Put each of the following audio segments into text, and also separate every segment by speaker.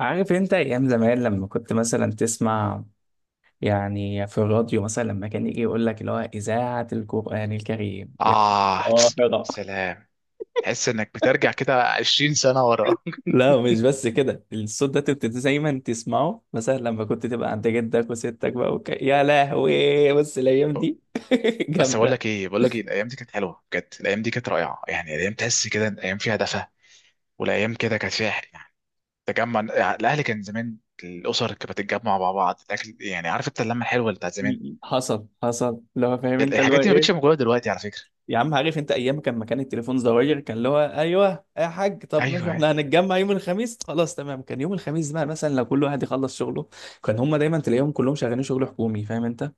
Speaker 1: عارف انت ايام زمان لما كنت مثلا تسمع، يعني في الراديو مثلا لما كان يجي يقول لك اللي هو اذاعه القران الكريم.
Speaker 2: آه
Speaker 1: اه يلا.
Speaker 2: سلام. تحس إنك بترجع كده 20 سنة ورا.
Speaker 1: لا، مش بس كده، الصوت ده كنت دايما تسمعه مثلا لما كنت تبقى عند جدك وستك بقى يا لهوي، بص الايام
Speaker 2: ب-
Speaker 1: دي.
Speaker 2: بس بقول
Speaker 1: جامده.
Speaker 2: لك إيه، الأيام دي كانت حلوة بجد، الأيام دي كانت رائعة. يعني الأيام تحس كده إن الأيام فيها دفى، والأيام كده كانت فيها حلو، يعني تجمع، يعني الأهل كان زمان الأسر كانت بتتجمع مع بعض، الأكل، يعني عارف أنت اللمة الحلوة اللي بتاعت زمان.
Speaker 1: حصل لو فاهم انت اللي هو
Speaker 2: الحاجات دي ما بقتش
Speaker 1: ايه.
Speaker 2: موجودة دلوقتي على فكرة.
Speaker 1: يا عم، عارف انت ايام كان مكان التليفون زواير، كان اللي هو ايوه يا حاج، طب ماشي
Speaker 2: أيوه.
Speaker 1: احنا هنتجمع يوم الخميس، خلاص تمام. كان يوم الخميس بقى مثلا لو كل واحد يخلص شغله، كان هم دايما تلاقيهم كلهم شغالين شغل حكومي، فاهم انت.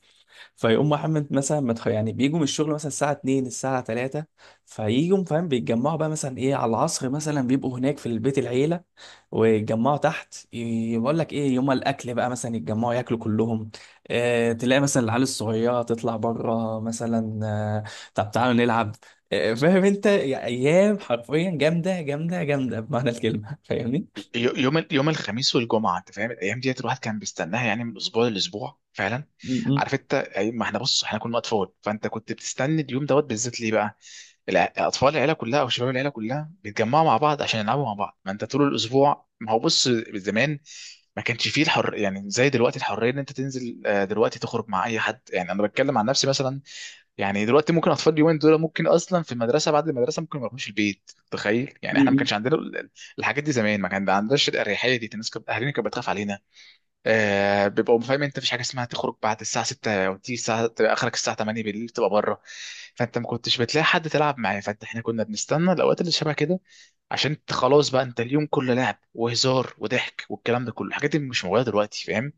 Speaker 1: فيقوم محمد مثلا يعني بيجوا من الشغل مثلا الساعة 2، الساعة 3، فيجوا فاهم، بيتجمعوا بقى مثلا ايه على العصر مثلا، بيبقوا هناك في البيت العيلة، ويتجمعوا تحت، يقول لك ايه يوم الأكل بقى مثلا يتجمعوا ياكلوا كلهم. اه تلاقي مثلا العيال الصغيرة تطلع بره مثلا، آه، طب تعالوا نلعب. آه، فاهم انت يا ايام، حرفيا جامدة جامدة جامدة بمعنى الكلمة. فاهمني؟
Speaker 2: يوم الخميس والجمعه انت فاهم الايام ديت الواحد كان بيستناها يعني من اسبوع لاسبوع فعلا.
Speaker 1: م- م-
Speaker 2: عارف انت، ما احنا بص احنا كنا اطفال، فانت كنت بتستنى اليوم دوت بالذات. ليه بقى؟ اطفال العيله كلها او شباب العيله كلها بيتجمعوا مع بعض عشان يلعبوا مع بعض، ما انت طول الاسبوع، ما هو بص زمان ما كانش فيه الحر يعني زي دلوقتي، الحريه ان انت تنزل دلوقتي تخرج مع اي حد. يعني انا بتكلم عن نفسي مثلا، يعني دلوقتي ممكن اطفال اليومين دول ممكن اصلا في المدرسه بعد المدرسه ممكن ما يروحوش البيت. تخيل! يعني
Speaker 1: م-
Speaker 2: احنا ما
Speaker 1: م.
Speaker 2: كانش عندنا الحاجات دي. زمان ما كان عندناش الاريحيه دي، الناس كانت اهالينا كانت بتخاف علينا. آه، بيبقوا فاهم انت مفيش حاجه اسمها تخرج بعد الساعه 6 او تيجي الساعه تبقى اخرك الساعه 8 بالليل تبقى بره. فانت ما كنتش بتلاقي حد تلعب معاه، فانت احنا كنا بنستنى الاوقات اللي شبه كده عشان انت خلاص بقى انت اليوم كله لعب وهزار وضحك والكلام ده كله. الحاجات دي مش موجوده دلوقتي، فاهم؟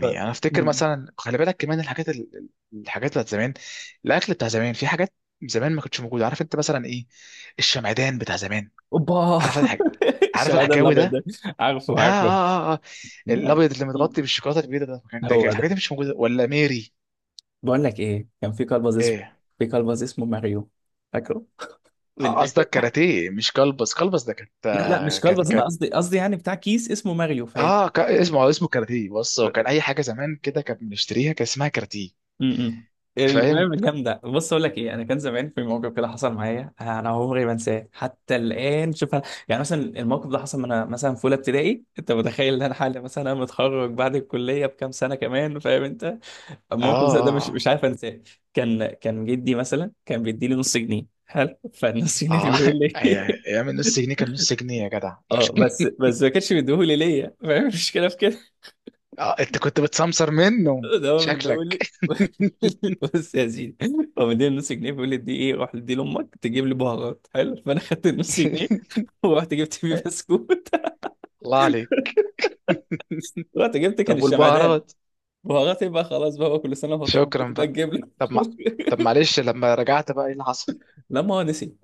Speaker 1: ف-
Speaker 2: انا افتكر
Speaker 1: م.
Speaker 2: مثلا، خلي بالك كمان، الحاجات الحاجات بتاعت زمان، الاكل بتاع زمان، في حاجات زمان ما كانتش موجوده. عارف انت مثلا ايه؟ الشمعدان بتاع زمان،
Speaker 1: اوبا.
Speaker 2: عارف الحاجه؟ عارف
Speaker 1: الشمعدان
Speaker 2: الحجاوي
Speaker 1: الابيض
Speaker 2: ده؟
Speaker 1: ده. عارفه
Speaker 2: اه اه
Speaker 1: عارفه.
Speaker 2: اه، آه.
Speaker 1: بقول-
Speaker 2: الابيض اللي متغطي بالشوكولاته البيضاء ده، كان ده كان
Speaker 1: هو ده.
Speaker 2: الحاجات دي مش موجوده ولا ميري.
Speaker 1: بقول لك ايه، كان في كلبز اسمه،
Speaker 2: ايه؟
Speaker 1: في كلبز اسمه ماريو، فاكره؟ من
Speaker 2: آه،
Speaker 1: الاخر،
Speaker 2: قصدك كاراتيه مش كلبس، كلبس ده كانت
Speaker 1: لا لا
Speaker 2: آه،
Speaker 1: مش
Speaker 2: كان
Speaker 1: كلبز، انا
Speaker 2: كانت
Speaker 1: قصدي قصدي يعني بتاع كيس اسمه ماريو، فاهم؟
Speaker 2: اسمه آه، اسمه كاراتيه. بص هو كان اي حاجه زمان كده كان بنشتريها كان اسمها كاراتيه.
Speaker 1: امم
Speaker 2: فاهم.
Speaker 1: المهم جامده. بص اقول لك ايه، انا كان زمان في موقف كده حصل معايا، انا عمري ما انساه حتى الان. شوف يعني مثلا، الموقف ده حصل وانا مثلا في اولى ابتدائي، انت متخيل ان انا حالي مثلا متخرج بعد الكليه بكام سنه كمان، فاهم انت؟
Speaker 2: اه
Speaker 1: الموقف زي ده مش
Speaker 2: اه
Speaker 1: عارف انساه. كان جدي مثلا كان بيديلي نص جنيه، حلو، فالنص جنيه اللي
Speaker 2: اه آه،
Speaker 1: بيقول لي.
Speaker 2: ايام النص جنيه كان نص جنيه يا جدع.
Speaker 1: اه، بس ما كانش بيديهولي ليا، فاهم المشكله في كده؟
Speaker 2: اه انت كنت بتسمسر منه
Speaker 1: ده هو بيديهولي.
Speaker 2: شكلك.
Speaker 1: بص يا سيدي، هو مديني نص جنيه، بيقول لي دي ايه، روح دي لامك تجيب لي بهارات، حلو، فانا خدت النص جنيه ورحت جبت بيه بسكوت.
Speaker 2: الله عليك!
Speaker 1: رحت جبت كان
Speaker 2: طب
Speaker 1: الشمعدان.
Speaker 2: والبهارات؟
Speaker 1: بهارات يبقى خلاص بقى، هو كل سنه وهو طيب
Speaker 2: شكرا
Speaker 1: بتبقى
Speaker 2: بقى.
Speaker 1: تجيب لي.
Speaker 2: طب ما، طب معلش لما رجعت بقى ايه اللي حصل؟
Speaker 1: لا، ما هو نسي.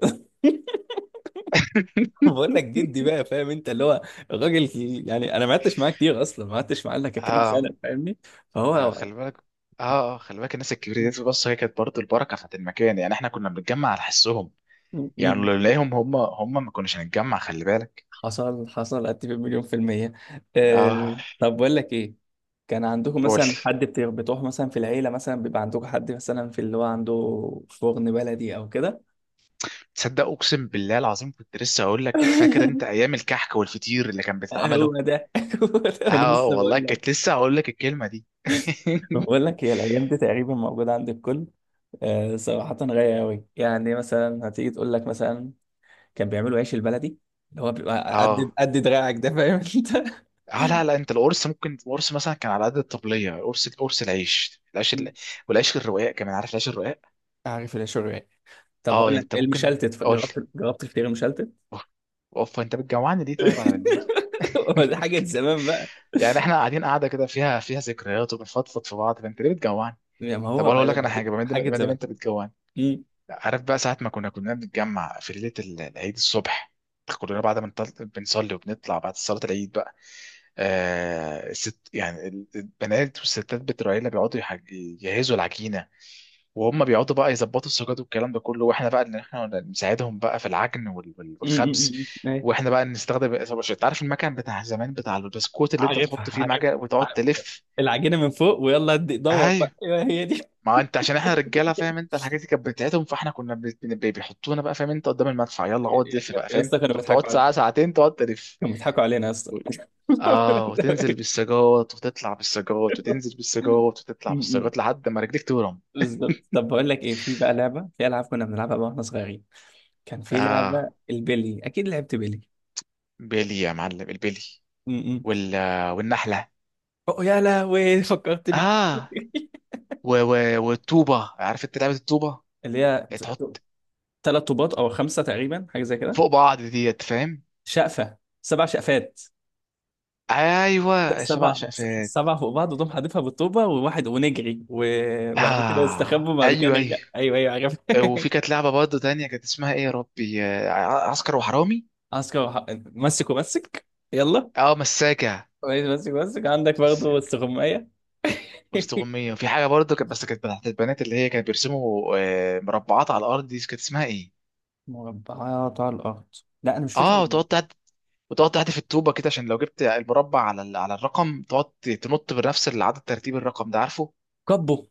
Speaker 1: بقول لك جدي بقى، فاهم انت اللي هو الراجل، يعني انا ما قعدتش معاه كتير، اصلا ما قعدتش معاه الا كام
Speaker 2: اه.
Speaker 1: سنه، فاهمني؟
Speaker 2: آه،
Speaker 1: فهو
Speaker 2: خلي بالك. اه اه خلي بالك، الناس الكبيره دي بص هي كانت برضه البركه بتاعت المكان. يعني احنا كنا بنتجمع على حسهم.
Speaker 1: م-
Speaker 2: يعني
Speaker 1: م-
Speaker 2: لو نلاقيهم هم ما كناش هنتجمع، خلي بالك.
Speaker 1: حصل حصل، اتفق مليون في المية.
Speaker 2: اه.
Speaker 1: أه طب بقول لك ايه، كان عندكم
Speaker 2: قول لي.
Speaker 1: مثلا حد بتروح مثلا في العيلة، مثلا بيبقى عندكم حد مثلا في اللي هو عنده فرن بلدي او كده؟
Speaker 2: تصدق اقسم بالله العظيم كنت لسه هقول لك، فاكر انت ايام الكحك والفطير اللي كان بيتعمله؟
Speaker 1: هو ده. هو ده،
Speaker 2: اه
Speaker 1: انا
Speaker 2: آه،
Speaker 1: لسه
Speaker 2: والله
Speaker 1: بقول
Speaker 2: كنت
Speaker 1: لك.
Speaker 2: لسه هقول لك الكلمه دي.
Speaker 1: بقول لك، هي الايام دي تقريبا موجودة عند الكل. أه، صراحة غاية قوي، يعني مثلا هتيجي تقول لك مثلا كان بيعملوا عيش البلدي، اللي هو بيبقى قد
Speaker 2: اه
Speaker 1: قد دراعك ده، فاهم انت؟
Speaker 2: اه، لا لا، انت القرص، ممكن القرص مثلا كان على قد الطبليه، قرص، قرص العيش، العيش
Speaker 1: مم.
Speaker 2: والعيش الرقاق كمان، عارف العيش الرقاق؟
Speaker 1: عارف العيش الرقاق. طب
Speaker 2: اه
Speaker 1: هقول
Speaker 2: يعني
Speaker 1: لك
Speaker 2: انت
Speaker 1: إيه،
Speaker 2: ممكن.
Speaker 1: المشلتت،
Speaker 2: قول لي.
Speaker 1: جربت جربت الفطير المشلتت؟
Speaker 2: اوف، انت بتجوعني ليه طيب على بالليل؟
Speaker 1: هو دي حاجة زمان بقى.
Speaker 2: يعني احنا قاعدين قاعده كده فيها فيها ذكريات وبنفضفض في بعض، فانت ليه بتجوعني؟
Speaker 1: يعني ما
Speaker 2: طب
Speaker 1: هو
Speaker 2: انا اقول لك انا حاجه، ما دام
Speaker 1: حاجة
Speaker 2: ما دام
Speaker 1: زمان.
Speaker 2: انت بتجوعني.
Speaker 1: مم.
Speaker 2: عارف بقى ساعه ما كنا بنتجمع في ليله العيد الصبح كلنا بعد ما بنصلي وبنطلع بعد صلاه العيد بقى، آه، ست يعني البنات والستات بتوع العيله بيقعدوا يجهزوا العجينه، وهم بيقعدوا بقى يظبطوا السجاد والكلام ده كله، واحنا بقى ان احنا نساعدهم بقى في العجن
Speaker 1: مم. مم.
Speaker 2: والخبز.
Speaker 1: مم. أيوة.
Speaker 2: واحنا بقى نستخدم، انت عارف المكان بتاع زمان بتاع البسكوت اللي انت
Speaker 1: عارفها
Speaker 2: تحط فيه
Speaker 1: عارفها.
Speaker 2: المعجن وتقعد
Speaker 1: عارف.
Speaker 2: تلف.
Speaker 1: العجينة من فوق ويلا دور
Speaker 2: ايوه.
Speaker 1: بقى، ايوه هي دي.
Speaker 2: ما انت عشان احنا رجاله فاهم انت، الحاجات دي كانت بتاعتهم، فاحنا كنا بيحطونا بقى فاهم انت قدام المدفع، يلا اقعد لف بقى،
Speaker 1: يا
Speaker 2: فاهم،
Speaker 1: اسطى كانوا
Speaker 2: تقعد
Speaker 1: بيضحكوا
Speaker 2: ساعه
Speaker 1: علينا،
Speaker 2: ساعتين تقعد تلف.
Speaker 1: كانوا بيضحكوا علينا يا اسطى.
Speaker 2: اه، وتنزل بالسجاوط وتطلع بالسجاوط وتنزل بالسجاوط وتطلع
Speaker 1: مم.
Speaker 2: بالسجاوط لحد ما رجليك تورم.
Speaker 1: بالظبط. طب بقول لك ايه، في بقى لعبة، في ألعاب كنا بنلعبها بقى واحنا صغيرين، كان في
Speaker 2: اه،
Speaker 1: لعبة البلي، أكيد لعبت بلي.
Speaker 2: بيلي يا معلم البيلي.
Speaker 1: م-م.
Speaker 2: وال والنحله.
Speaker 1: أوه يا لهوي فكرتني.
Speaker 2: اه والطوبه، عارف انت لعبه الطوبه؟
Speaker 1: اللي هي
Speaker 2: اللي تحط
Speaker 1: ثلاث طوبات أو خمسة تقريبا، حاجة زي كده.
Speaker 2: فوق بعض ديت، فاهم.
Speaker 1: شقفة، سبع شقفات،
Speaker 2: ايوه السبع
Speaker 1: سبع،
Speaker 2: شقفات.
Speaker 1: سبع فوق بعض وتقوم حادفها بالطوبة وواحد، ونجري وبعد كده نستخبى
Speaker 2: اه
Speaker 1: وبعد كده
Speaker 2: ايوه ايوه.
Speaker 1: نرجع. أيوه أيوه عارف.
Speaker 2: وفي كانت لعبه برضه تانية كانت اسمها ايه يا ربي، آه، عسكر وحرامي.
Speaker 1: عسكر مسك ومسك، يلا.
Speaker 2: اه مساجة.
Speaker 1: كويس، مسك ومسك، عندك برضه
Speaker 2: مساجة
Speaker 1: استغماية.
Speaker 2: وسط غمية. وفي حاجة برضه كانت، بس كانت بتاعت البنات، اللي هي كانت بيرسموا آه، مربعات على الأرض، دي كانت اسمها إيه؟
Speaker 1: مربعات على الأرض؟ لا أنا مش
Speaker 2: آه،
Speaker 1: فاكر.
Speaker 2: وتقعد تعد، وتقعد تحدف الطوبة كده عشان لو جبت المربع على على الرقم تقعد تنط بنفس العدد ترتيب الرقم ده، عارفه؟
Speaker 1: كبه،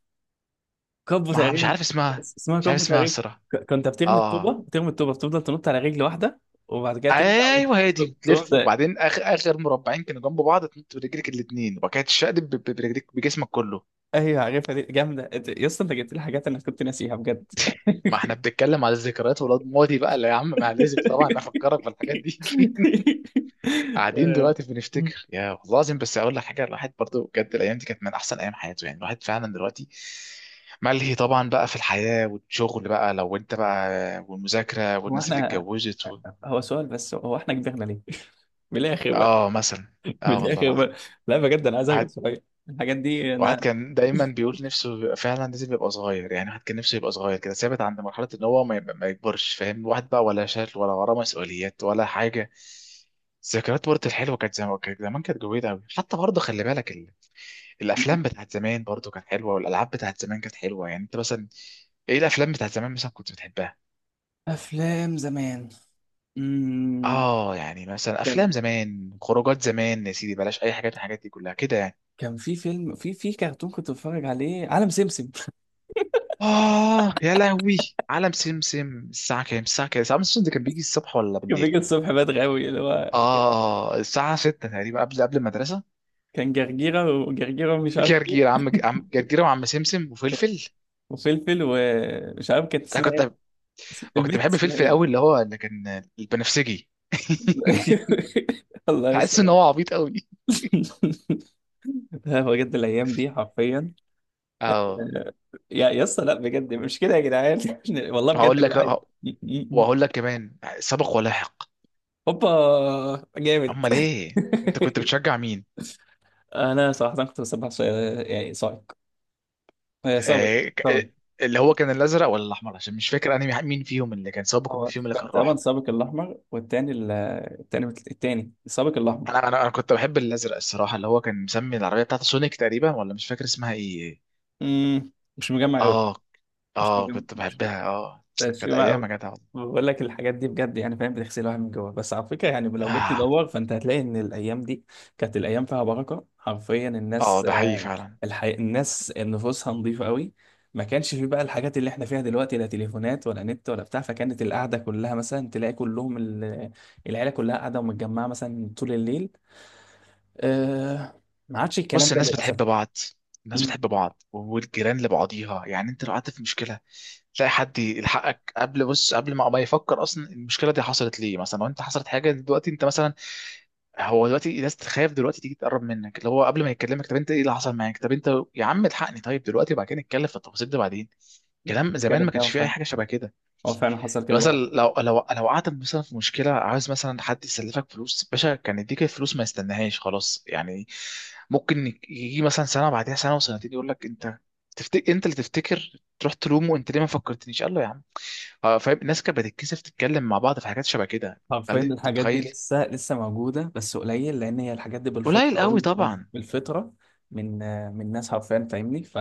Speaker 1: كبو
Speaker 2: ما مش
Speaker 1: تقريبا.
Speaker 2: عارف اسمها.
Speaker 1: اسمها
Speaker 2: مش عارف
Speaker 1: كبو
Speaker 2: اسمها
Speaker 1: تقريبا.
Speaker 2: الصراحة.
Speaker 1: كنت بترمي الطوبه،
Speaker 2: آه،
Speaker 1: بترمي الطوبه بتفضل تنط على رجل واحده، وبعد كده ترجع
Speaker 2: أيوه هي دي،
Speaker 1: تقوم
Speaker 2: تلف
Speaker 1: ده.
Speaker 2: وبعدين آخر آخر مربعين كانوا جنب بعض تنط برجلك الاتنين وبعد كده تشقلب برجلك بجسمك كله.
Speaker 1: ايوه عارفها دي جامده، يا اسطى انت جبت لي حاجات انا كنت ناسيها بجد.
Speaker 2: ما احنا بنتكلم على الذكريات ولاد ماضي بقى، لا يا عم ما لازم طبعا افكرك بالحاجات دي. قاعدين
Speaker 1: آه،
Speaker 2: دلوقتي بنفتكر. يا والله العظيم بس اقول لك حاجه، الواحد برضو بجد الايام دي كانت من احسن ايام حياته. يعني الواحد فعلا دلوقتي ملهي طبعا بقى في الحياه والشغل بقى لو انت بقى والمذاكره
Speaker 1: هو
Speaker 2: والناس اللي
Speaker 1: احنا،
Speaker 2: اتجوزت.
Speaker 1: هو سؤال بس، هو احنا كبرنا ليه؟ من الاخر بقى.
Speaker 2: اه مثلا.
Speaker 1: من
Speaker 2: اه والله
Speaker 1: الاخر
Speaker 2: العظيم.
Speaker 1: بقى، لا بجد انا عايز ارجع
Speaker 2: واحد،
Speaker 1: شويه الحاجات دي.
Speaker 2: واحد
Speaker 1: انا
Speaker 2: كان دايما بيقول نفسه يبقى فعلا لازم يبقى صغير، يعني واحد كان نفسه يبقى صغير كده ثابت عند مرحله ان هو ما, ما يكبرش، فاهم، واحد بقى ولا شغل ولا وراه مسؤوليات ولا حاجه. ذكريات برضه الحلوه كانت زمان، كانت زمان كانت جميله قوي. حتى برضه خلي بالك، الافلام بتاعت زمان برضو كانت حلوه، والالعاب بتاعت زمان كانت حلوه، يعني انت مثلا ايه الافلام بتاعت زمان مثلا كنت بتحبها؟
Speaker 1: افلام زمان، امم
Speaker 2: اه يعني مثلا افلام زمان، خروجات زمان، يا سيدي بلاش اي حاجات من الحاجات دي كلها كده يعني.
Speaker 1: كان في فيلم، في كرتون كنت بتفرج عليه، عالم سمسم.
Speaker 2: اه يا لهوي، عالم سمسم! الساعه كام، الساعه كام، الساعه سمسم ده كان بيجي الصبح ولا
Speaker 1: كان
Speaker 2: بالليل؟
Speaker 1: بيجي الصبح بدري قوي اللي هو،
Speaker 2: اه الساعه 6 تقريبا قبل قبل المدرسه.
Speaker 1: كان جرجيرة وجرجيرة مش عارف
Speaker 2: جرجير،
Speaker 1: ايه.
Speaker 2: عم، عم جرجير وعم سمسم وفلفل.
Speaker 1: وفلفل، ومش عارف كانت
Speaker 2: انا
Speaker 1: اسمها ايه،
Speaker 2: كنت، وكنت
Speaker 1: البت
Speaker 2: بحب
Speaker 1: اسمها
Speaker 2: فلفل قوي
Speaker 1: ايه.
Speaker 2: اللي هو اللي كان البنفسجي.
Speaker 1: الله
Speaker 2: حاسس ان
Speaker 1: يسلم.
Speaker 2: هو عبيط قوي.
Speaker 1: هو بجد الايام دي حرفيا،
Speaker 2: اه.
Speaker 1: يا اسطى، لا بجد مش كده يا جدعان. والله بجد
Speaker 2: هقول لك
Speaker 1: الواحد.
Speaker 2: آه، وهقول لك كمان سبق ولاحق.
Speaker 1: هوبا جامد.
Speaker 2: امال ايه، انت كنت بتشجع مين؟
Speaker 1: انا صراحه كنت بسبح يعني صايق، آه، صابر.
Speaker 2: آه، اللي هو كان الازرق ولا الاحمر؟ عشان مش فاكر انا مين فيهم اللي كان سابق ومين
Speaker 1: هو
Speaker 2: فيهم اللي كان
Speaker 1: كان تقريبا
Speaker 2: راح.
Speaker 1: السابق الأحمر، والتاني التاني السابق الأحمر.
Speaker 2: انا انا انا كنت بحب الازرق الصراحه، اللي هو كان مسمي العربيه بتاعته سونيك تقريبا، ولا مش فاكر اسمها ايه.
Speaker 1: امم مش مجمع أوي،
Speaker 2: اه
Speaker 1: مش
Speaker 2: اه
Speaker 1: مجمع،
Speaker 2: كنت بحبها اه.
Speaker 1: مش
Speaker 2: كانت
Speaker 1: مجمع
Speaker 2: ايام
Speaker 1: أوي.
Speaker 2: يا جدع والله.
Speaker 1: بقول لك الحاجات دي بجد يعني فاهم، بتغسل الواحد من جوه. بس على فكرة، يعني لو جيت
Speaker 2: اه
Speaker 1: تدور فأنت هتلاقي إن الأيام دي كانت الأيام فيها بركة حرفيا.
Speaker 2: اه
Speaker 1: الناس،
Speaker 2: ده حقيقي
Speaker 1: آه،
Speaker 2: فعلا.
Speaker 1: الناس نفوسها نظيفة أوي. ما كانش في بقى الحاجات اللي احنا فيها دلوقتي، لا تليفونات ولا نت ولا بتاع، فكانت القعدة كلها مثلا تلاقي كلهم العيلة كلها قاعدة ومتجمعة مثلا طول الليل. آه، ما عادش الكلام
Speaker 2: بص
Speaker 1: ده
Speaker 2: الناس بتحب
Speaker 1: للاسف.
Speaker 2: بعض، الناس
Speaker 1: امم
Speaker 2: بتحب بعض والجيران لبعضيها. يعني انت لو قعدت في مشكله تلاقي حد يلحقك قبل، بص قبل ما ما يفكر اصلا المشكله دي حصلت ليه. مثلا لو انت حصلت حاجه دلوقتي انت مثلا، هو دلوقتي الناس تخاف دلوقتي تيجي تقرب منك، اللي هو قبل ما يكلمك طب انت ايه اللي حصل معاك، طب انت يا عم الحقني طيب دلوقتي وبعد كده نتكلم في التفاصيل دي بعدين. كلام زمان ما
Speaker 1: نتكلم فيها.
Speaker 2: كانش
Speaker 1: هو
Speaker 2: فيه اي
Speaker 1: فعلا،
Speaker 2: حاجه شبه كده.
Speaker 1: هو فعلا حصل
Speaker 2: يعني
Speaker 1: كده
Speaker 2: مثلا
Speaker 1: ولا؟
Speaker 2: لو لو لو قعدت مثلا في مشكله عاوز مثلا حد يسلفك فلوس، باشا كان يديك الفلوس ما يستناهاش خلاص يعني. ممكن يجي مثلا سنه بعدها سنه وسنتين يقول لك انت تفتكر، انت اللي تفتكر تروح تلومه انت ليه ما فكرتنيش، قال له يا عم. آه، فاهم، الناس كانت بتتكسف تتكلم مع بعض في حاجات شبه كده.
Speaker 1: حرفيا
Speaker 2: خلي انت
Speaker 1: الحاجات دي
Speaker 2: متخيل.
Speaker 1: لسه موجوده بس قليل، لان هي الحاجات دي
Speaker 2: قليل
Speaker 1: بالفطره
Speaker 2: قوي
Speaker 1: قوي.
Speaker 2: طبعا.
Speaker 1: بالفطره، من آه، من ناس حرفيا فاهمني،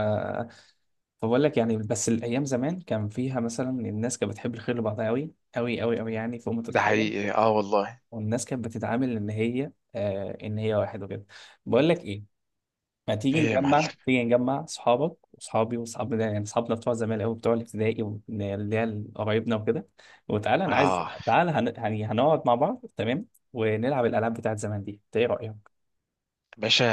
Speaker 1: فبقول لك يعني، بس الايام زمان كان فيها مثلا الناس كانت بتحب الخير لبعضها قوي قوي قوي قوي، يعني فوق ما
Speaker 2: ده
Speaker 1: تتخيل.
Speaker 2: حقيقي اه والله.
Speaker 1: والناس كانت بتتعامل ان هي، آه، ان هي واحد وكده. بقول لك ايه، ما تيجي
Speaker 2: ايه يا معلم؟
Speaker 1: نجمع، تيجي نجمع صحابك وصحابي وصحابنا، ده يعني صحابنا بتوع زمان قوي، بتوع الابتدائي واللي هي قرايبنا وكده، وتعالى انا عايز،
Speaker 2: اه.
Speaker 1: تعالى يعني هنقعد مع بعض، تمام؟ ونلعب الالعاب بتاعت زمان دي، انت ايه رايك؟
Speaker 2: باشا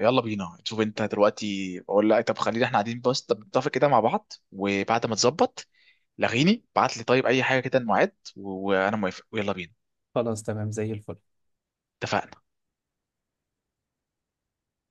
Speaker 2: يلا بينا، شوف انت دلوقتي بقول لك، طب خلينا احنا قاعدين بس طب نتفق كده مع بعض وبعد ما تظبط لغيني بعت لي طيب اي حاجه كده الميعاد وانا موافق ويلا بينا.
Speaker 1: خلاص تمام زي الفل.
Speaker 2: اتفقنا.